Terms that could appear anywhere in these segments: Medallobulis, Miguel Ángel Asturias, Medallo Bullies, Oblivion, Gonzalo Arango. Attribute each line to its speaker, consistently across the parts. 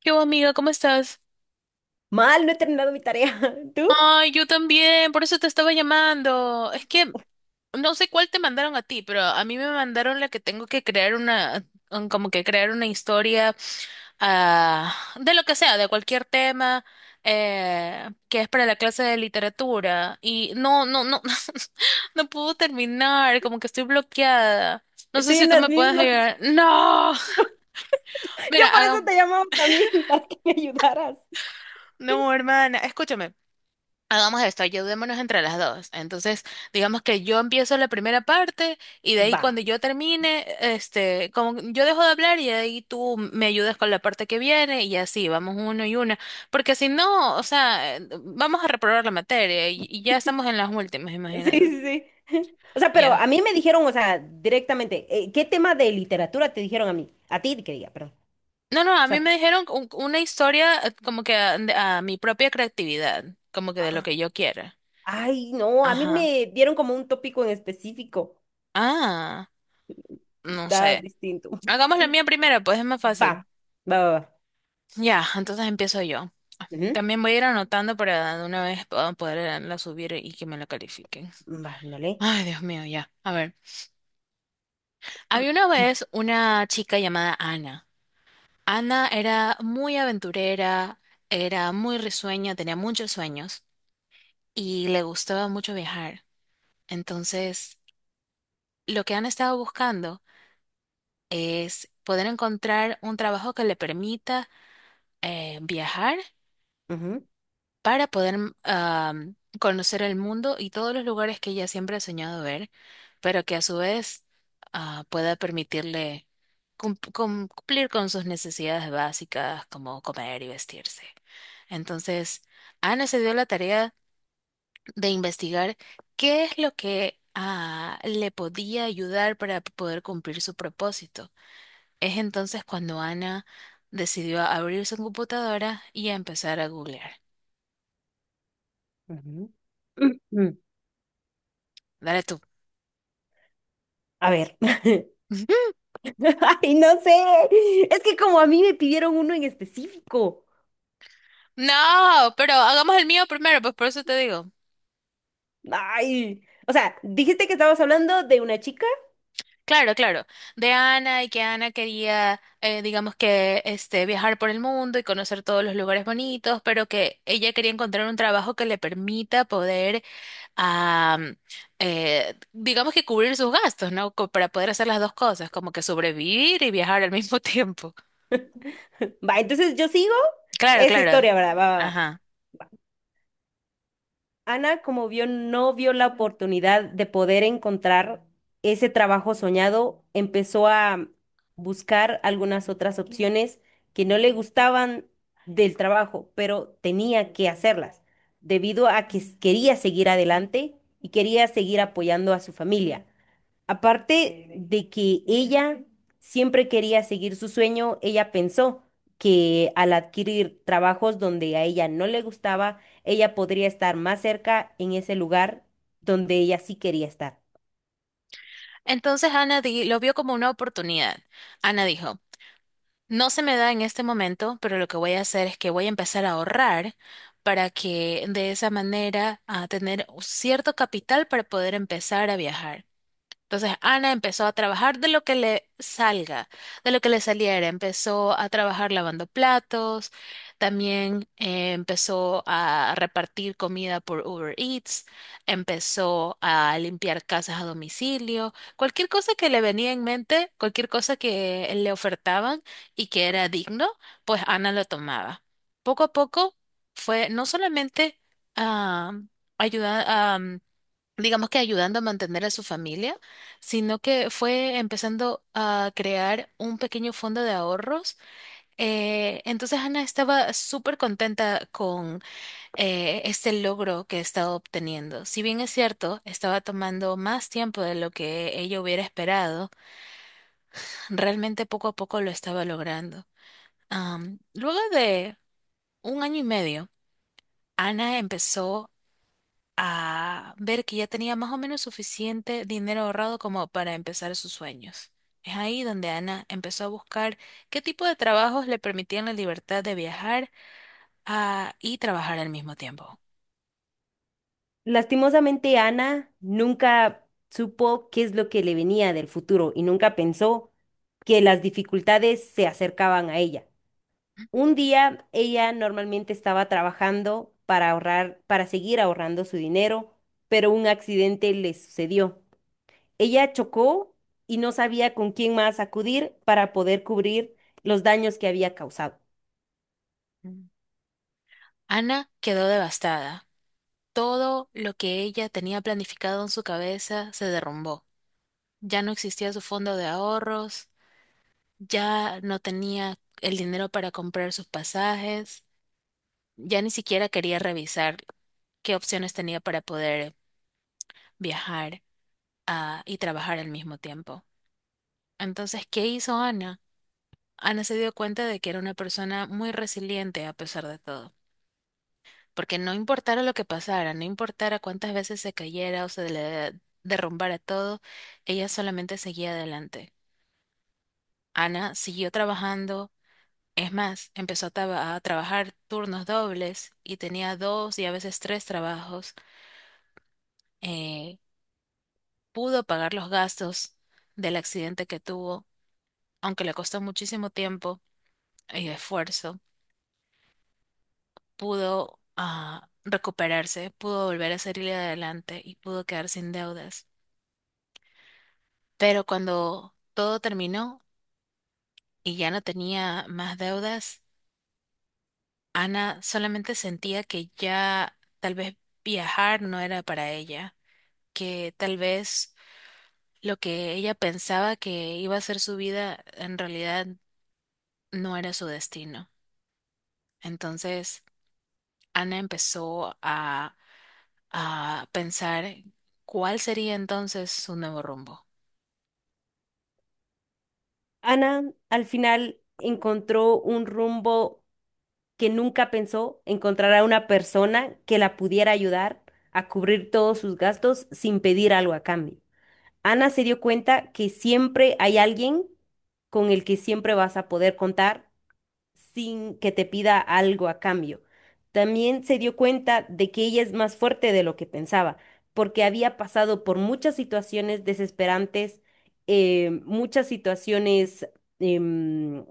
Speaker 1: ¿Qué hubo, amiga? ¿Cómo estás?
Speaker 2: Mal, no he terminado mi tarea. ¿Tú?
Speaker 1: Ay, yo también, por eso te estaba llamando. Es que no sé cuál te mandaron a ti, pero a mí me mandaron la que tengo que crear una, como que crear una historia ah, de lo que sea, de cualquier tema, que es para la clase de literatura. Y no, no puedo terminar, como que estoy bloqueada. No sé
Speaker 2: Estoy
Speaker 1: si
Speaker 2: en
Speaker 1: tú
Speaker 2: las
Speaker 1: me puedes
Speaker 2: mismas.
Speaker 1: ayudar. No,
Speaker 2: Yo
Speaker 1: mira,
Speaker 2: por eso te llamaba también, para que me ayudaras.
Speaker 1: no, hermana, escúchame. Hagamos esto, ayudémonos entre las dos. Entonces, digamos que yo empiezo la primera parte y de ahí
Speaker 2: Va.
Speaker 1: cuando yo termine, este, como yo dejo de hablar y de ahí tú me ayudas con la parte que viene y así, vamos uno y una. Porque si no, o sea, vamos a reprobar la materia y ya estamos en las últimas,
Speaker 2: Sí,
Speaker 1: imagínate.
Speaker 2: sí, sí. O sea, pero
Speaker 1: Ya.
Speaker 2: a mí me dijeron, o sea, directamente, ¿qué tema de literatura te dijeron a mí? A ti, que diga, perdón.
Speaker 1: No, a
Speaker 2: O
Speaker 1: mí
Speaker 2: sea,
Speaker 1: me dijeron una historia como que a mi propia creatividad, como que de lo
Speaker 2: ah,
Speaker 1: que yo quiera.
Speaker 2: ay, no, a mí
Speaker 1: Ajá.
Speaker 2: me dieron como un tópico en específico.
Speaker 1: Ah, no
Speaker 2: Está
Speaker 1: sé.
Speaker 2: distinto.
Speaker 1: Hagamos la mía primero, pues es más
Speaker 2: Va,
Speaker 1: fácil.
Speaker 2: va, va, va.
Speaker 1: Ya, entonces empiezo yo.
Speaker 2: Ujú.
Speaker 1: También voy a ir anotando para de una vez poderla subir y que me la califiquen.
Speaker 2: Va, ándale.
Speaker 1: Ay, Dios mío, ya. A ver, había una vez una chica llamada Ana. Ana era muy aventurera, era muy risueña, tenía muchos sueños y le gustaba mucho viajar. Entonces, lo que Ana estaba buscando es poder encontrar un trabajo que le permita viajar
Speaker 2: Ujú,
Speaker 1: para poder conocer el mundo y todos los lugares que ella siempre ha soñado ver, pero que a su vez pueda permitirle cumplir con sus necesidades básicas como comer y vestirse. Entonces, Ana se dio la tarea de investigar qué es lo que le podía ayudar para poder cumplir su propósito. Es entonces cuando Ana decidió abrir su computadora y a empezar a googlear.
Speaker 2: ujú. Ujú.
Speaker 1: Dale tú.
Speaker 2: A ver. Ay, no sé. Es que como a mí me pidieron uno en específico.
Speaker 1: No, pero hagamos el mío primero, pues por eso te digo.
Speaker 2: Ay. O sea, dijiste que estabas hablando de una chica.
Speaker 1: Claro, claro. De Ana y que Ana quería, digamos que, este, viajar por el mundo y conocer todos los lugares bonitos, pero que ella quería encontrar un trabajo que le permita poder, am, digamos que cubrir sus gastos, ¿no? Para poder hacer las dos cosas, como que sobrevivir y viajar al mismo tiempo.
Speaker 2: Va, entonces yo sigo
Speaker 1: Claro,
Speaker 2: esa
Speaker 1: claro.
Speaker 2: historia, ¿verdad? Va, va, va.
Speaker 1: Ajá.
Speaker 2: Ana, como vio, no vio la oportunidad de poder encontrar ese trabajo soñado, empezó a buscar algunas otras opciones que no le gustaban del trabajo, pero tenía que hacerlas, debido a que quería seguir adelante y quería seguir apoyando a su familia. Aparte de que ella siempre quería seguir su sueño, ella pensó que al adquirir trabajos donde a ella no le gustaba, ella podría estar más cerca en ese lugar donde ella sí quería estar.
Speaker 1: Entonces lo vio como una oportunidad. Ana dijo. No se me da en este momento, pero lo que voy a hacer es que voy a empezar a ahorrar para que de esa manera a tener cierto capital para poder empezar a viajar. Entonces Ana empezó a trabajar de lo que le salga, de lo que le saliera. Empezó a trabajar lavando platos, también empezó a repartir comida por Uber Eats, empezó a limpiar casas a domicilio, cualquier cosa que le venía en mente, cualquier cosa que le ofertaban y que era digno, pues Ana lo tomaba. Poco a poco fue no solamente a digamos que ayudando a mantener a su familia, sino que fue empezando a crear un pequeño fondo de ahorros. Entonces Ana estaba súper contenta con este logro que estaba obteniendo. Si bien es cierto, estaba tomando más tiempo de lo que ella hubiera esperado, realmente poco a poco lo estaba logrando. Luego de un año y medio, Ana empezó a ver que ya tenía más o menos suficiente dinero ahorrado como para empezar sus sueños. Es ahí donde Ana empezó a buscar qué tipo de trabajos le permitían la libertad de viajar y trabajar al mismo tiempo.
Speaker 2: Lastimosamente, Ana nunca supo qué es lo que le venía del futuro y nunca pensó que las dificultades se acercaban a ella. Un día ella normalmente estaba trabajando para ahorrar, para seguir ahorrando su dinero, pero un accidente le sucedió. Ella chocó y no sabía con quién más acudir para poder cubrir los daños que había causado.
Speaker 1: Mm. Ana quedó devastada. Todo lo que ella tenía planificado en su cabeza se derrumbó. Ya no existía su fondo de ahorros, ya no tenía el dinero para comprar sus pasajes, ya ni siquiera quería revisar qué opciones tenía para poder viajar y trabajar al mismo tiempo. Entonces, ¿qué hizo Ana? Ana se dio cuenta de que era una persona muy resiliente a pesar de todo, porque no importara lo que pasara, no importara cuántas veces se cayera o se le derrumbara todo, ella solamente seguía adelante. Ana siguió trabajando, es más, empezó a trabajar turnos dobles y tenía dos y a veces tres trabajos. eh, Pudo pagar los gastos del accidente que tuvo aunque le costó muchísimo tiempo y esfuerzo, pudo recuperarse, pudo volver a salir adelante y pudo quedar sin deudas. Pero cuando todo terminó y ya no tenía más deudas, Ana solamente sentía que ya tal vez viajar no era para ella, que tal vez lo que ella pensaba que iba a ser su vida en realidad no era su destino. Entonces, Ana empezó a pensar cuál sería entonces su nuevo rumbo.
Speaker 2: Ana al final encontró un rumbo que nunca pensó, encontrar a una persona que la pudiera ayudar a cubrir todos sus gastos sin pedir algo a cambio. Ana se dio cuenta que siempre hay alguien con el que siempre vas a poder contar sin que te pida algo a cambio. También se dio cuenta de que ella es más fuerte de lo que pensaba, porque había pasado por muchas situaciones desesperantes, muchas situaciones em,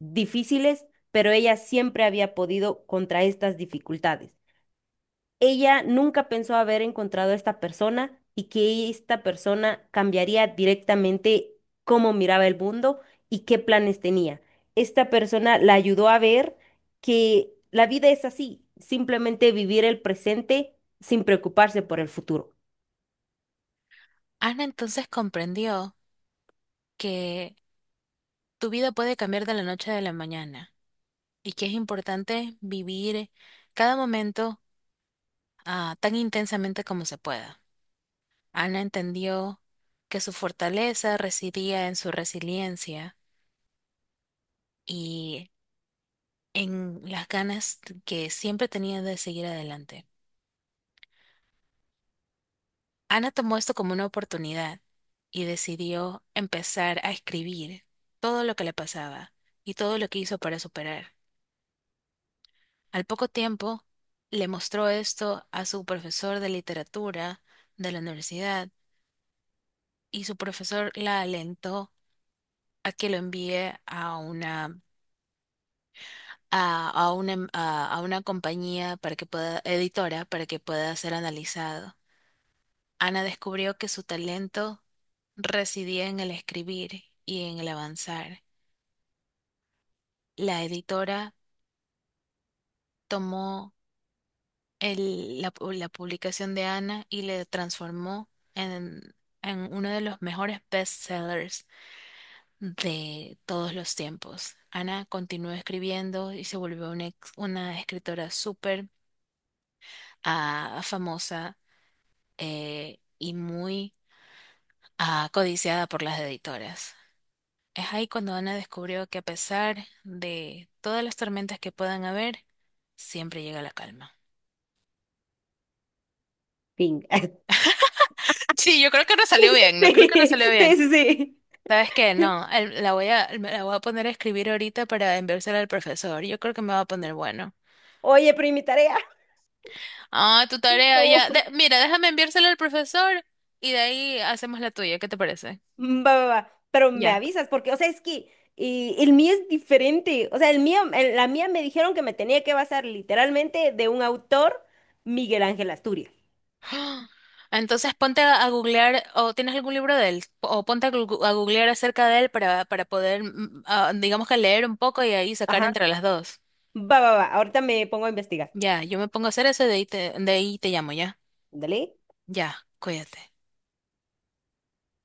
Speaker 2: difíciles, pero ella siempre había podido contra estas dificultades. Ella nunca pensó haber encontrado a esta persona, y que esta persona cambiaría directamente cómo miraba el mundo y qué planes tenía. Esta persona la ayudó a ver que la vida es así, simplemente vivir el presente sin preocuparse por el futuro.
Speaker 1: Ana entonces comprendió que tu vida puede cambiar de la noche a la mañana y que es importante vivir cada momento tan intensamente como se pueda. Ana entendió que su fortaleza residía en su resiliencia y en las ganas que siempre tenía de seguir adelante. Ana tomó esto como una oportunidad y decidió empezar a escribir todo lo que le pasaba y todo lo que hizo para superar. Al poco tiempo, le mostró esto a su profesor de literatura de la universidad y su profesor la alentó a que lo envíe a una, a una compañía para que pueda, editora para que pueda ser analizado. Ana descubrió que su talento residía en el escribir y en el avanzar. La editora tomó la publicación de Ana y le transformó en, en uno de los mejores bestsellers de todos los tiempos. Ana continuó escribiendo y se volvió una escritora súper famosa y muy codiciada por las editoras. Es ahí cuando Ana descubrió que a pesar de todas las tormentas que puedan haber, siempre llega la calma.
Speaker 2: Fin.
Speaker 1: Sí, yo creo que no salió bien, no creo
Speaker 2: Sí,
Speaker 1: que no salió
Speaker 2: sí,
Speaker 1: bien.
Speaker 2: sí, sí.
Speaker 1: ¿Sabes qué? No, la voy a, me la voy a poner a escribir ahorita para enviársela al profesor. Yo creo que me va a poner bueno.
Speaker 2: Oye, pero ¿y mi tarea?
Speaker 1: Ah, tu tarea
Speaker 2: No.
Speaker 1: ya. Mira, déjame enviársela al profesor y de ahí hacemos la tuya. ¿Qué te parece?
Speaker 2: Mm, va, va, va. Pero me
Speaker 1: Ya.
Speaker 2: avisas, porque, o sea, es que el mío es diferente. O sea, el mío, la mía, me dijeron que me tenía que basar literalmente de un autor, Miguel Ángel Asturias.
Speaker 1: Entonces ponte a googlear o tienes algún libro de él o ponte a googlear acerca de él para poder, digamos que leer un poco y ahí sacar
Speaker 2: Ajá.
Speaker 1: entre las dos.
Speaker 2: Va, va, va. Ahorita me pongo a investigar.
Speaker 1: Ya, yo me pongo a hacer eso y de ahí de ahí te llamo, ¿ya?
Speaker 2: Dale.
Speaker 1: Ya, cuídate.